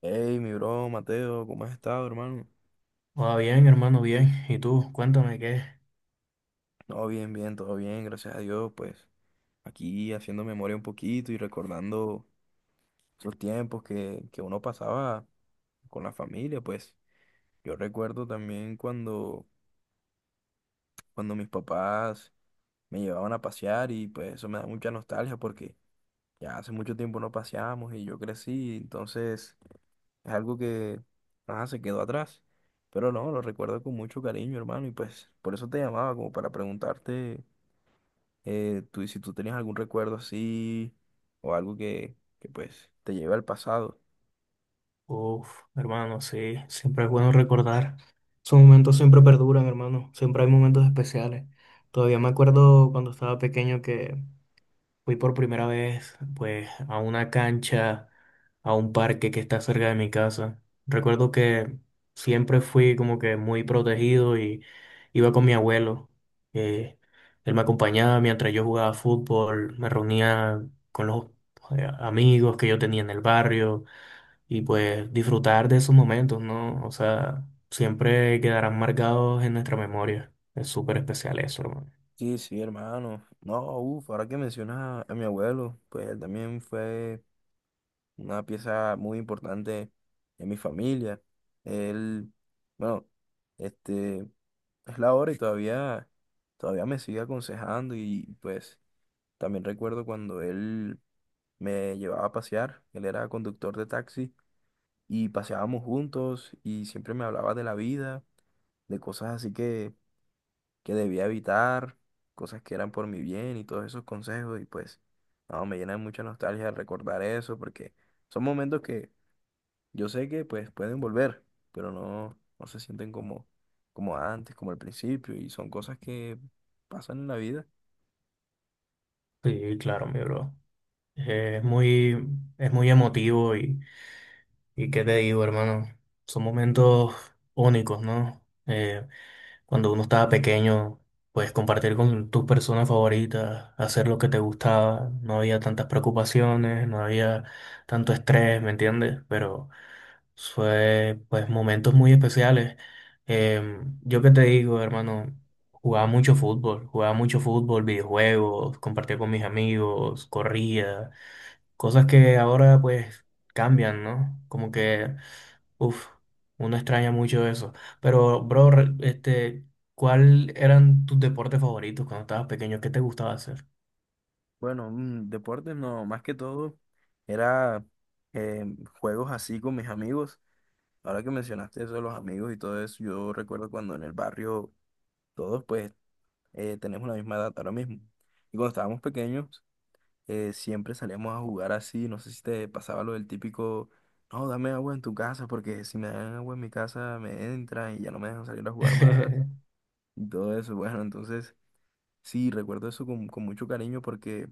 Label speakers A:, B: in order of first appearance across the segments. A: Hey, mi bro, Mateo, ¿cómo has estado, hermano?
B: Va bien, hermano, bien. ¿Y tú? Cuéntame qué.
A: No, bien, bien, todo bien, gracias a Dios, pues aquí haciendo memoria un poquito y recordando esos tiempos que uno pasaba con la familia, pues yo recuerdo también cuando mis papás me llevaban a pasear y pues eso me da mucha nostalgia porque ya hace mucho tiempo no paseamos y yo crecí, entonces es algo que nada, se quedó atrás. Pero no, lo recuerdo con mucho cariño, hermano, y pues por eso te llamaba, como para preguntarte. Tú, si tú tenías algún recuerdo así o algo que pues te lleve al pasado.
B: Uf, hermano, sí, siempre es bueno recordar. Esos momentos siempre perduran, hermano. Siempre hay momentos especiales. Todavía me acuerdo cuando estaba pequeño que fui por primera vez, pues, a una cancha, a un parque que está cerca de mi casa. Recuerdo que siempre fui como que muy protegido y iba con mi abuelo. eh, Él me acompañaba mientras yo jugaba fútbol, me reunía con los amigos que yo tenía en el barrio y pues disfrutar de esos momentos, ¿no? O sea, siempre quedarán marcados en nuestra memoria. Es súper especial eso, hermano.
A: Sí, sí, hermano. No, uff, ahora que mencionas a mi abuelo, pues él también fue una pieza muy importante en mi familia. Él, bueno, este, es la hora y todavía me sigue aconsejando y pues también recuerdo cuando él me llevaba a pasear, él era conductor de taxi y paseábamos juntos y siempre me hablaba de la vida, de cosas así que debía evitar, cosas que eran por mi bien y todos esos consejos y pues no, me llena de mucha nostalgia recordar eso porque son momentos que yo sé que pues pueden volver, pero no, no se sienten como, como antes, como al principio y son cosas que pasan en la vida.
B: Sí, claro, mi bro. Es muy, es muy emotivo y qué te digo, hermano, son momentos únicos, ¿no? Cuando uno estaba pequeño, pues compartir con tus personas favoritas, hacer lo que te gustaba, no había tantas preocupaciones, no había tanto estrés, ¿me entiendes? Pero fue, pues, momentos muy especiales. Yo qué te digo, hermano, jugaba mucho fútbol, videojuegos, compartía con mis amigos, corría. Cosas que ahora pues cambian, ¿no? Como que, uff, uno extraña mucho eso. Pero, bro, ¿cuál eran tus deportes favoritos cuando estabas pequeño? ¿Qué te gustaba hacer?
A: Bueno, deportes no, más que todo era eh, juegos así con mis amigos. Ahora que mencionaste eso de los amigos y todo eso, yo recuerdo cuando en el barrio todos pues tenemos la misma edad ahora mismo. Y cuando estábamos pequeños, siempre salíamos a jugar así. No sé si te pasaba lo del típico, no, dame agua en tu casa porque si me dan agua en mi casa me entran y ya no me dejan salir a jugar más. Y todo eso, bueno, entonces sí, recuerdo eso con mucho cariño porque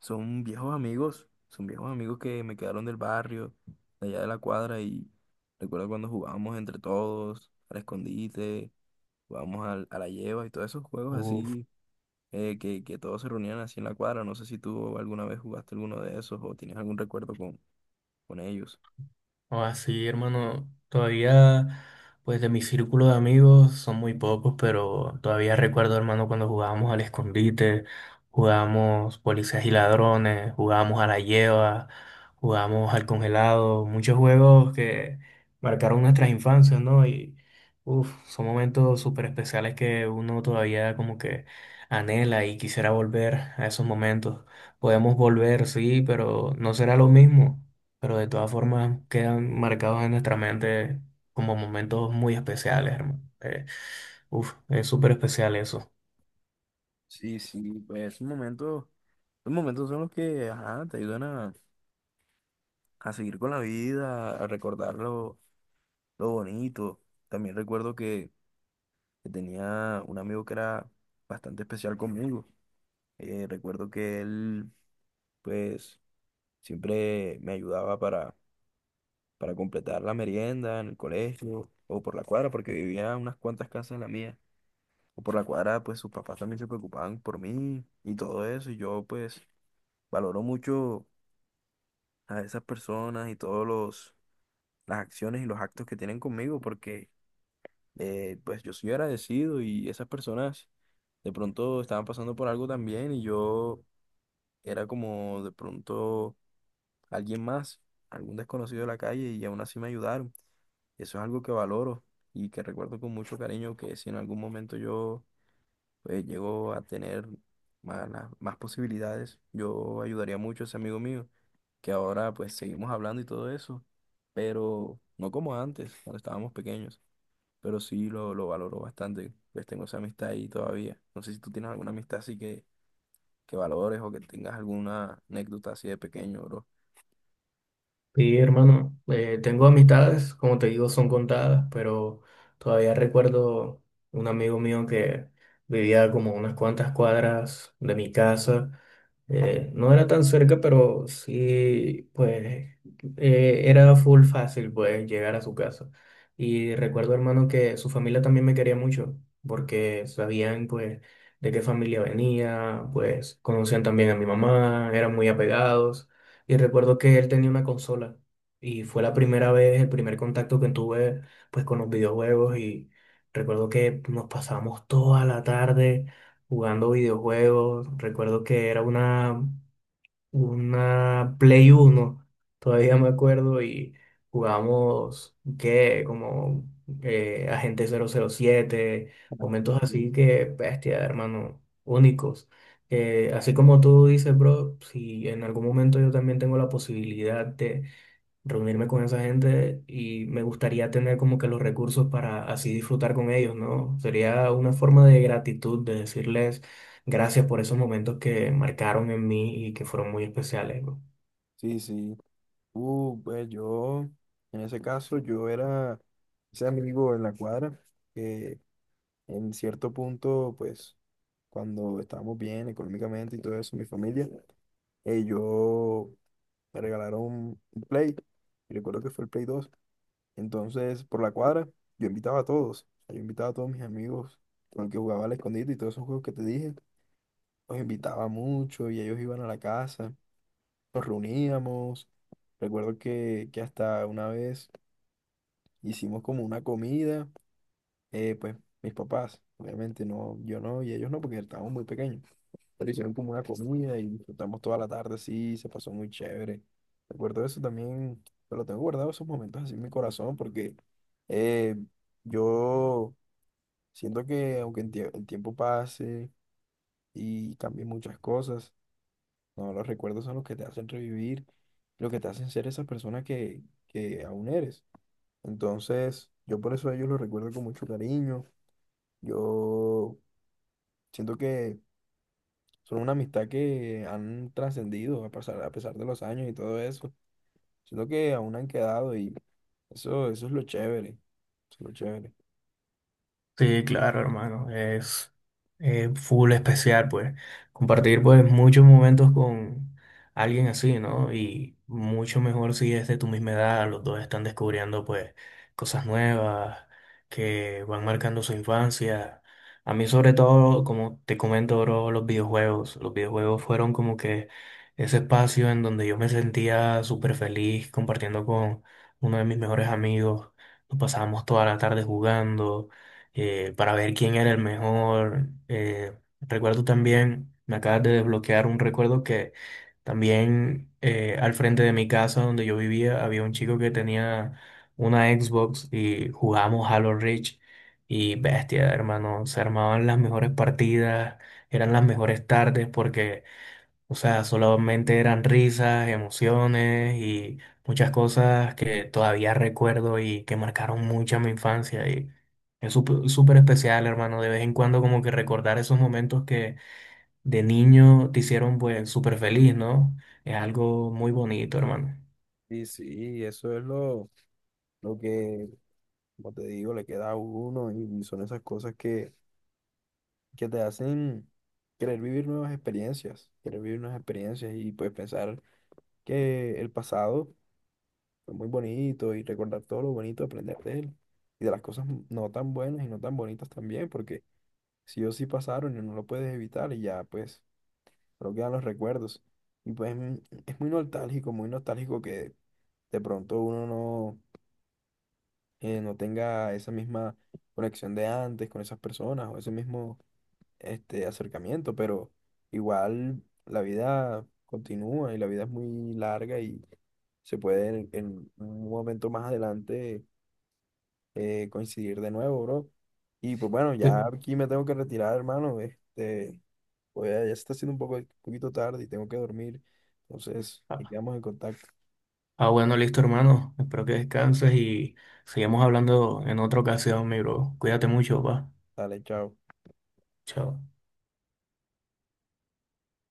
A: son viejos amigos, son viejos amigos que me quedaron del barrio, de allá de la cuadra, y recuerdo cuando jugábamos entre todos, al escondite, jugábamos a la lleva y todos esos juegos
B: Uf.
A: así, que todos se reunían así en la cuadra. No sé si tú alguna vez jugaste alguno de esos o tienes algún recuerdo con ellos.
B: O así, hermano, todavía, pues de mi círculo de amigos son muy pocos, pero todavía recuerdo, hermano, cuando jugábamos al escondite, jugábamos policías y ladrones, jugábamos a la lleva, jugábamos al congelado, muchos juegos que marcaron nuestras infancias, ¿no? Y, uff, son momentos súper especiales que uno todavía como que anhela y quisiera volver a esos momentos. Podemos volver, sí, pero no será lo mismo, pero de todas formas quedan marcados en nuestra mente como momentos muy especiales, hermano. Uf, es súper especial eso.
A: Sí, sí, pues esos momentos son los que, ajá, te ayudan a seguir con la vida, a recordar lo bonito. También recuerdo que tenía un amigo que era bastante especial conmigo. Recuerdo que él, pues, siempre me ayudaba para completar la merienda en el colegio o por la cuadra, porque vivía a unas cuantas casas de la mía. O por la cuadra, pues, sus papás también se preocupaban por mí y todo eso. Y yo, pues, valoro mucho a esas personas y las acciones y los actos que tienen conmigo, porque pues yo soy agradecido y esas personas de pronto estaban pasando por algo también y yo era como de pronto alguien más, algún desconocido de la calle y aún así me ayudaron. Eso es algo que valoro y que recuerdo con mucho cariño que si en algún momento yo pues, llego a tener más posibilidades, yo ayudaría mucho a ese amigo mío, que ahora pues seguimos hablando y todo eso, pero no como antes, cuando estábamos pequeños, pero sí lo valoro bastante, pues tengo esa amistad ahí todavía. No sé si tú tienes alguna amistad así que valores o que tengas alguna anécdota así de pequeño, bro.
B: Sí, hermano, tengo amistades, como te digo, son contadas, pero todavía recuerdo un amigo mío que vivía como unas cuantas cuadras de mi casa. No era tan cerca, pero sí, pues era full fácil, pues, llegar a su casa. Y recuerdo, hermano, que su familia también me quería mucho, porque sabían, pues, de qué familia venía, pues, conocían también a mi mamá, eran muy apegados. Y recuerdo que él tenía una consola y fue la primera vez, el primer contacto que tuve, pues, con los videojuegos y recuerdo que nos pasábamos toda la tarde jugando videojuegos. Recuerdo que era una Play 1, todavía me acuerdo, y jugamos, ¿qué? Como Agente 007.
A: Ah,
B: Momentos
A: ok.
B: así que, bestia, hermano, únicos. Así como tú dices, bro, si en algún momento yo también tengo la posibilidad reunirme con esa gente y me gustaría tener como que los recursos para así disfrutar con ellos, ¿no? Sería una forma de
A: Sí,
B: gratitud, de decirles gracias por esos momentos que marcaron en mí y que fueron muy especiales, ¿no?
A: sí, sí. Pues yo, en ese caso, yo era ese amigo en la cuadra que en cierto punto, pues, cuando estábamos bien económicamente y todo eso, mi familia, yo me regalaron un Play. Y recuerdo que fue el Play dos. Entonces, por la cuadra, yo invitaba a todos. O sea, yo invitaba a todos mis amigos con el que jugaba al escondite y todos esos juegos que te dije. Los invitaba mucho y ellos iban a la casa. Nos reuníamos. Recuerdo que hasta una vez hicimos como una comida. Pues mis papás, obviamente no, yo no y ellos no porque estábamos muy pequeños. Pero hicieron como una comida y disfrutamos toda la tarde, sí, se pasó muy chévere. Recuerdo eso también, pero tengo guardado esos momentos así en mi corazón porque eh, yo siento que aunque el tiempo pase y cambie muchas cosas, no, los recuerdos son los que te hacen revivir, lo que te hacen ser esa persona que aún eres. Entonces, yo por eso a ellos los recuerdo con mucho cariño. Yo siento que son una amistad que han trascendido a pesar de los años y todo eso. Siento que aún han quedado y eso es lo chévere. Eso es lo chévere.
B: Sí, claro, hermano, es full especial, pues, compartir, pues, muchos momentos con alguien así, ¿no? Y mucho mejor si es de tu misma edad, los dos están descubriendo, pues, cosas nuevas que van marcando su infancia. A mí, sobre todo, como te comento, bro, los videojuegos fueron como que ese espacio en donde yo me sentía súper feliz compartiendo con uno de mis mejores amigos, nos pasábamos toda la tarde jugando para ver quién era el mejor. Recuerdo también, me acabas de desbloquear un recuerdo que también al frente de mi casa donde yo vivía había un chico que tenía una Xbox y jugamos Halo Reach y, bestia, hermano, se armaban las mejores partidas, eran las mejores tardes porque, o sea, solamente eran risas, emociones y muchas cosas que todavía recuerdo y que marcaron mucho mi infancia. Y es súper especial, hermano, de vez en cuando como que recordar esos momentos que de niño te hicieron pues súper feliz, ¿no? Es algo muy bonito, hermano.
A: Y sí, eso es lo que, como te digo, le queda a uno y son esas cosas que te hacen querer vivir nuevas experiencias, querer vivir nuevas experiencias y pues pensar que el pasado fue muy bonito y recordar todo lo bonito, aprender de él y de las cosas no tan buenas y no tan bonitas también, porque sí o sí pasaron y no lo puedes evitar y ya, pues, pero quedan los recuerdos. Y pues es muy nostálgico que de pronto uno no, no tenga esa misma conexión de antes con esas personas o ese mismo este, acercamiento, pero igual la vida continúa y la vida es muy larga y se puede en un momento más adelante coincidir de nuevo, bro. Y pues bueno, ya
B: Sí.
A: aquí me tengo que retirar, hermano. Este, pues ya, ya se está haciendo un poquito tarde y tengo que dormir. Entonces, ahí
B: Ah,
A: quedamos en contacto.
B: ah, bueno, listo, hermano. Espero que descanses y sigamos hablando en otra ocasión, mi bro. Cuídate mucho, va.
A: Dale, chao.
B: Chao.